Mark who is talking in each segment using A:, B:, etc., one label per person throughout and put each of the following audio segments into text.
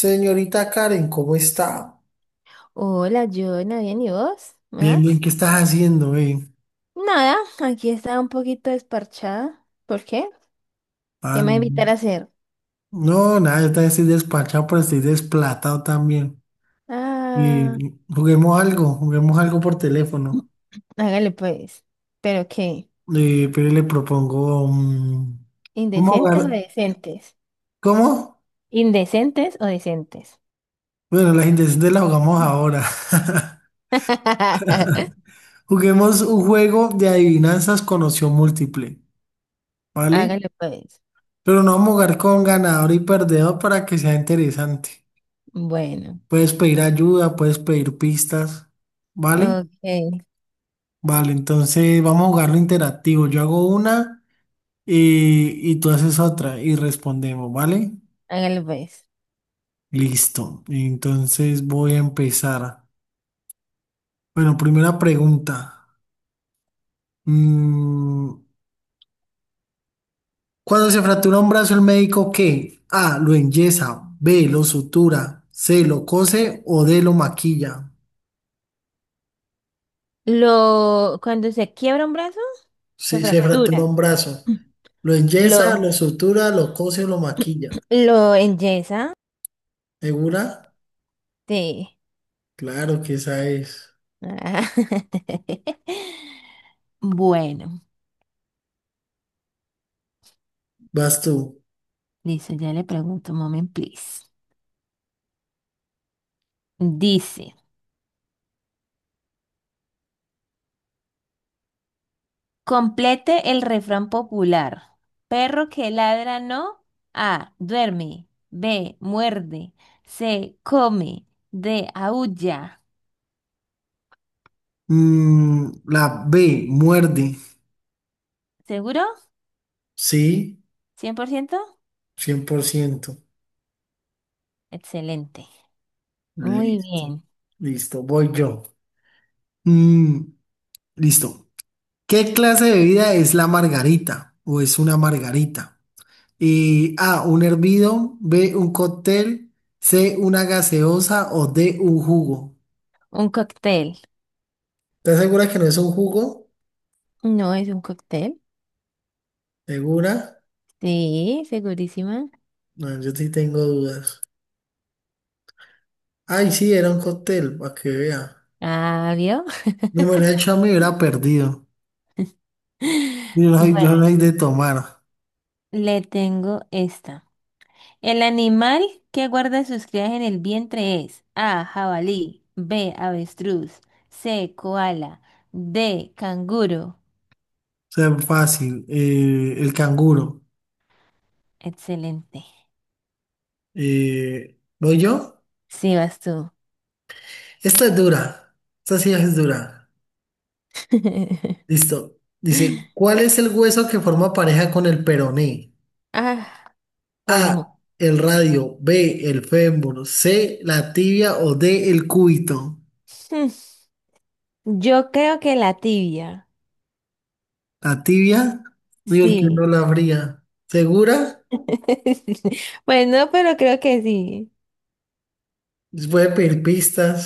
A: Señorita Karen, ¿cómo está?
B: Hola, Joana, ¿bien y vos? ¿Me
A: Bien, bien,
B: das?
A: ¿qué estás haciendo, eh?
B: Nada, aquí estaba un poquito desparchada. ¿Por qué? ¿Qué me
A: Ah,
B: va a invitar a hacer?
A: no, nada, yo también estoy despachado, pero estoy desplatado también.
B: Ah,
A: Y juguemos algo por
B: mm,
A: teléfono.
B: hágale pues. ¿Pero qué?
A: Pero le propongo, vamos a
B: ¿Indecentes o
A: jugar,
B: decentes?
A: ¿cómo?
B: ¿Indecentes o decentes?
A: Bueno, las intenciones las jugamos ahora. Juguemos un juego de adivinanzas con opción múltiple, ¿vale?
B: Hágale pues.
A: Pero no vamos a jugar con ganador y perdedor para que sea interesante.
B: Bueno,
A: Puedes pedir ayuda, puedes pedir pistas, ¿vale?
B: ok,
A: Vale, entonces vamos a jugarlo interactivo. Yo hago una y tú haces otra y respondemos, ¿vale?
B: hágale pues.
A: Listo. Entonces voy a empezar. Bueno, primera pregunta. Mm, ¿Cuando se fractura un brazo, el médico qué? A, lo enyesa, B, lo sutura, C, lo cose o D, lo maquilla.
B: Cuando se quiebra un brazo, se
A: Si se fractura
B: fractura.
A: un brazo, lo enyesa,
B: Lo,
A: lo sutura, lo cose o lo maquilla.
B: lo enyesa,
A: ¿Segura?
B: sí.
A: Claro que esa es.
B: Ah, Bueno,
A: Vas tú.
B: listo, ya le pregunto, moment, please. Dice, complete el refrán popular. Perro que ladra no. A, duerme. B, muerde. C, come. D, aúlla.
A: La B, muerde.
B: ¿Seguro?
A: Sí,
B: ¿100%?
A: 100%.
B: Excelente. Muy
A: Listo.
B: bien.
A: Listo, voy yo. Mm, Listo. ¿Qué clase de bebida es la margarita o es una margarita? A, un hervido, B, un cóctel, C, una gaseosa o D, un jugo.
B: Un cóctel.
A: ¿Estás segura que no es un jugo?
B: No es un cóctel.
A: ¿Segura?
B: Sí, segurísima.
A: No, yo sí tengo dudas. Ay, sí, era un cóctel, para que vea.
B: Ah, ¿vio?
A: De manera hecho, me hubiera perdido. Yo
B: Bueno,
A: no soy de tomar. O
B: le tengo esta. El animal que guarda sus crías en el vientre es A. Jabalí, B. Avestruz, C. Koala, D. Canguro.
A: sea, fácil. El canguro.
B: Excelente.
A: ¿Voy yo?
B: Sí, vas tú.
A: Esta es dura. Esta sí es dura. Listo. Dice, ¿cuál es el hueso que forma pareja con el peroné?
B: Ah, pues no.
A: A, el radio. B, el fémur. C, la tibia. O D, el cúbito.
B: Hmm, Yo creo que la tibia.
A: La tibia, digo el que
B: Sí.
A: no la abría. ¿Segura?
B: Pues no, pero creo que sí.
A: Les voy a pedir pistas.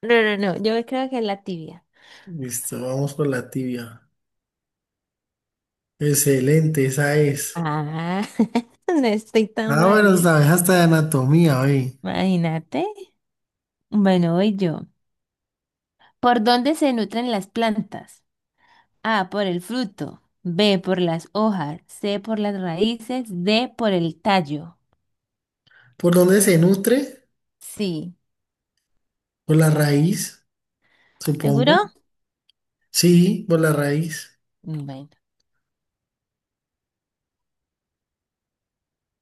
B: No, no, no, yo creo que la tibia.
A: Listo, vamos por la tibia. Excelente, esa es.
B: Ah, no estoy tan
A: Ah,
B: mal,
A: bueno,
B: ¿vio?
A: sabes hasta de anatomía, oye.
B: Imagínate. Bueno, voy yo. ¿Por dónde se nutren las plantas? A, por el fruto. B, por las hojas. C, por las raíces. D, por el tallo.
A: ¿Por dónde se nutre?
B: Sí.
A: Por la raíz, supongo.
B: ¿Seguro?
A: Sí, por la raíz.
B: Bueno.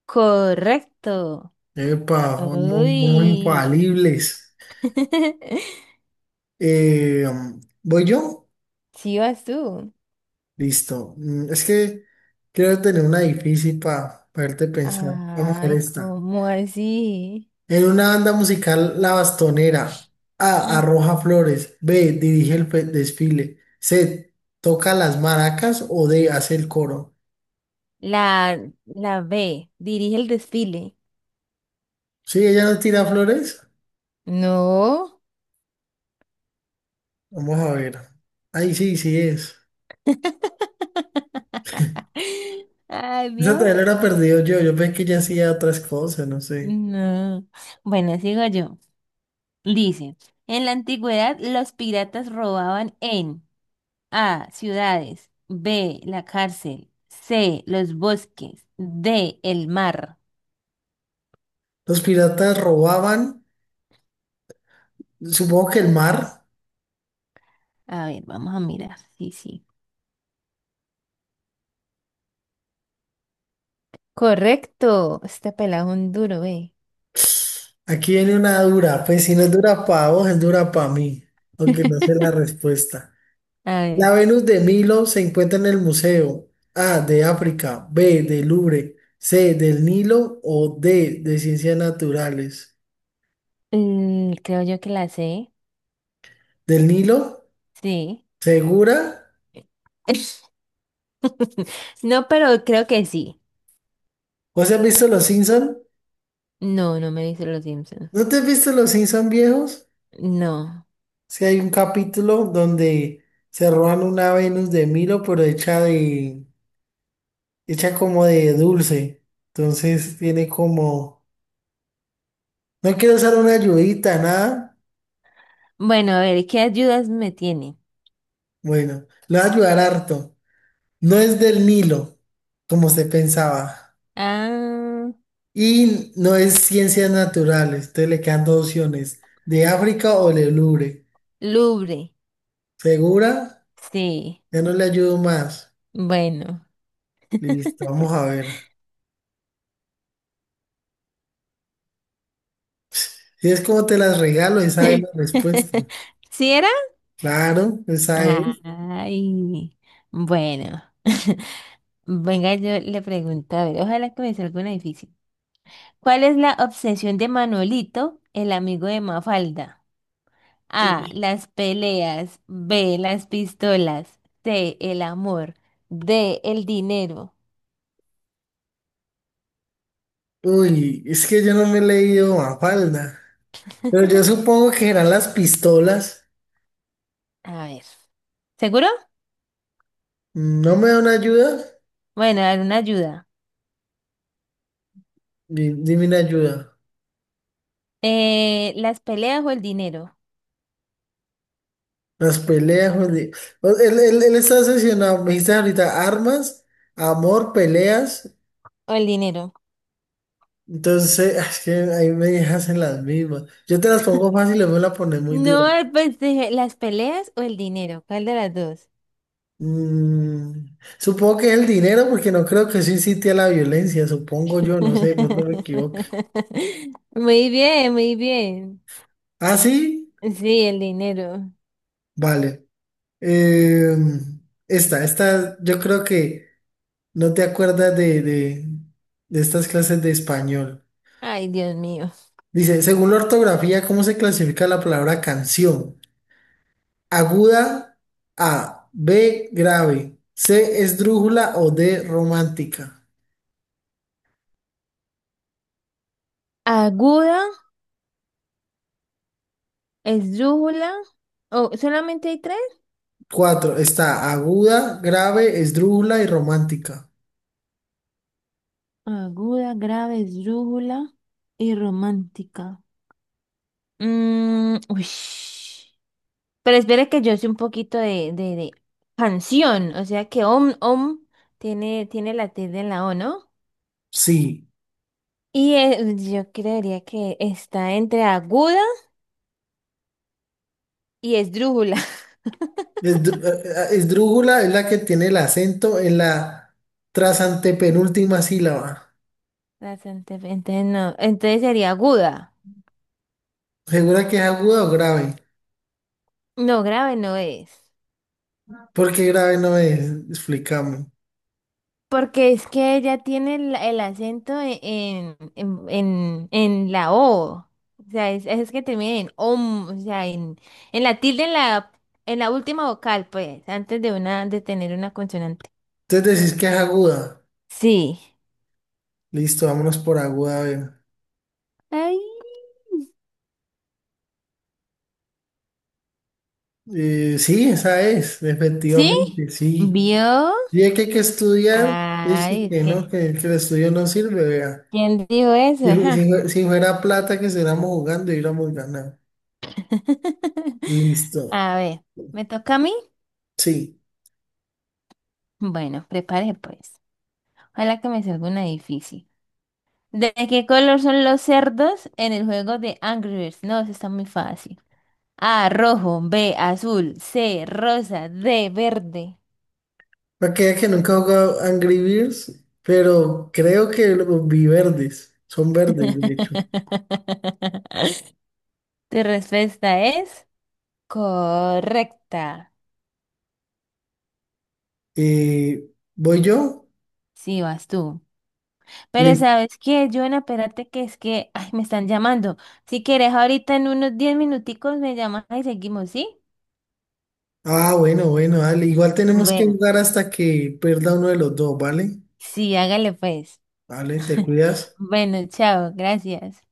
B: Correcto.
A: Epa, vamos, vamos
B: Uy.
A: infalibles. Eh, ¿Voy yo?
B: Sí vas tú.
A: Listo. Es que quiero tener una difícil para verte pensar. Vamos a ver
B: Ay,
A: esta.
B: ¿cómo así?
A: En una banda musical, La Bastonera. A.
B: Mm.
A: Arroja flores. B. Dirige el desfile. C. Toca las maracas. O D. Hace el coro.
B: La, la B, dirige el desfile.
A: Sí, ella no tira flores.
B: No.
A: Vamos a ver. Ahí sí, sí es.
B: Ay,
A: Esa
B: Dios.
A: todavía la era perdido yo. Yo pensé que ella hacía otras cosas, no sé.
B: No. Bueno, sigo yo. Dice, en la antigüedad los piratas robaban en A, ciudades, B, la cárcel, C, los bosques, D, el mar.
A: Los piratas robaban. Supongo que el mar.
B: A ver, vamos a mirar. Sí, sí. Correcto. Este pelado es un duro, eh.
A: Aquí viene una dura. Pues si no es dura para vos, es dura para mí. Aunque no sé la respuesta.
B: A
A: La
B: ver,
A: Venus de Milo se encuentra en el museo A de África, B del Louvre, C del Nilo o D de Ciencias Naturales.
B: creo yo que la c.
A: ¿Del Nilo?
B: Sí.
A: ¿Segura?
B: No, pero creo que sí.
A: ¿Vos has visto Los Simpson?
B: No, no me dice los Simpsons.
A: ¿No te has visto Los Simpson viejos?
B: No.
A: Si hay un capítulo donde se roban una Venus de Milo, pero hecha como de dulce. Entonces tiene como, no quiero usar una ayudita, nada.
B: Bueno, a ver, ¿qué ayudas me tiene?
A: Bueno, lo va a ayudar harto. No es del Nilo, como se pensaba,
B: Ah,
A: y no es ciencias naturales. Entonces le quedan dos opciones, de África o del Louvre.
B: Louvre.
A: ¿Segura?
B: Sí.
A: Ya no le ayudo más.
B: Bueno.
A: Listo, vamos a ver. Si es como te las regalo, esa es la respuesta.
B: ¿Sí era?
A: Claro, esa es.
B: Ay. Bueno. Venga, yo le pregunto, a ver, ojalá que me salga una difícil. ¿Cuál es la obsesión de Manuelito, el amigo de Mafalda? A, las peleas, B, las pistolas, C, el amor, D, el dinero.
A: Uy, es que yo no me he leído Mafalda. Pero yo supongo que eran las pistolas.
B: A ver. ¿Seguro?
A: ¿No me da una ayuda?
B: Bueno, a ver, una ayuda.
A: Dime una ayuda.
B: ¿Las peleas o el dinero?
A: Las peleas, Juli. Él está obsesionado. Me dijiste ahorita armas, amor, peleas.
B: O el dinero.
A: Entonces, es que ahí me dejas en las mismas. Yo te las pongo fácil y me las pones muy dura.
B: No, pues dije, ¿las peleas o el dinero? ¿Cuál de las dos?
A: Supongo que es el dinero, porque no creo que eso incite a la violencia. Supongo yo, no sé, de pronto me equivoco.
B: Muy bien, muy bien.
A: ¿Ah, sí?
B: Sí, el dinero.
A: Vale. Eh, Esta, yo creo que no te acuerdas de estas clases de español.
B: Ay, Dios mío.
A: Dice, según la ortografía, ¿cómo se clasifica la palabra canción? Aguda, A, B, grave, C, esdrújula o D, romántica.
B: Aguda, esdrújula. Oh, ¿solamente hay tres?
A: Cuatro, está aguda, grave, esdrújula y romántica.
B: Aguda, grave, esdrújula y romántica. Mm, uish. Pero espera que yo sé un poquito de canción, o sea que om, om tiene la tilde en la O, ¿no?
A: Sí,
B: Y yo creería que está entre aguda y esdrújula.
A: esdrú- eh, esdrújula es la que tiene el acento en la tras antepenúltima sílaba.
B: Bastante, entonces no, entonces sería aguda.
A: ¿Segura que es aguda o grave?
B: No, grave no es.
A: ¿Porque grave no es? Explícame.
B: Porque es que ella tiene el acento en la O. O sea, es que termina en om, o sea, en la tilde en la última vocal, pues, antes de una, de tener una consonante.
A: Entonces decís que es aguda.
B: Sí.
A: Listo, vámonos por aguda, a ver.
B: Ay,
A: Sí, esa es,
B: ¿sí?
A: efectivamente, sí.
B: ¿Vio?
A: Y es que hay que estudiar, dice
B: Ay, es
A: que
B: que,
A: no, que el estudio no sirve, vea.
B: ¿Quién dijo eso?
A: Si, fu- si
B: Ajá.
A: fue- si fuera plata que estuviéramos jugando, hubiéramos ganado. Listo,
B: A ver, ¿me toca a mí?
A: sí.
B: Bueno, prepare pues. Ojalá que me salga una difícil. ¿De qué color son los cerdos en el juego de Angry Birds? No, eso está muy fácil. A, rojo, B, azul, C, rosa, D, verde.
A: Para que vea que nunca he jugado Angry Birds, pero creo que los vi verdes, son verdes, de hecho.
B: Tu respuesta es correcta.
A: Eh, ¿Voy yo?
B: Sí, vas tú. Pero
A: Listo.
B: ¿sabes qué, Joana? Espérate que es que ay, me están llamando. Si quieres, ahorita en unos 10 minuticos me llamas y seguimos, ¿sí?
A: Ah, bueno, bueno, dale. Igual tenemos que
B: Bueno,
A: jugar hasta que pierda uno de los dos, ¿vale?
B: sí, hágale pues.
A: Vale, te cuidas.
B: Bueno, chao, gracias.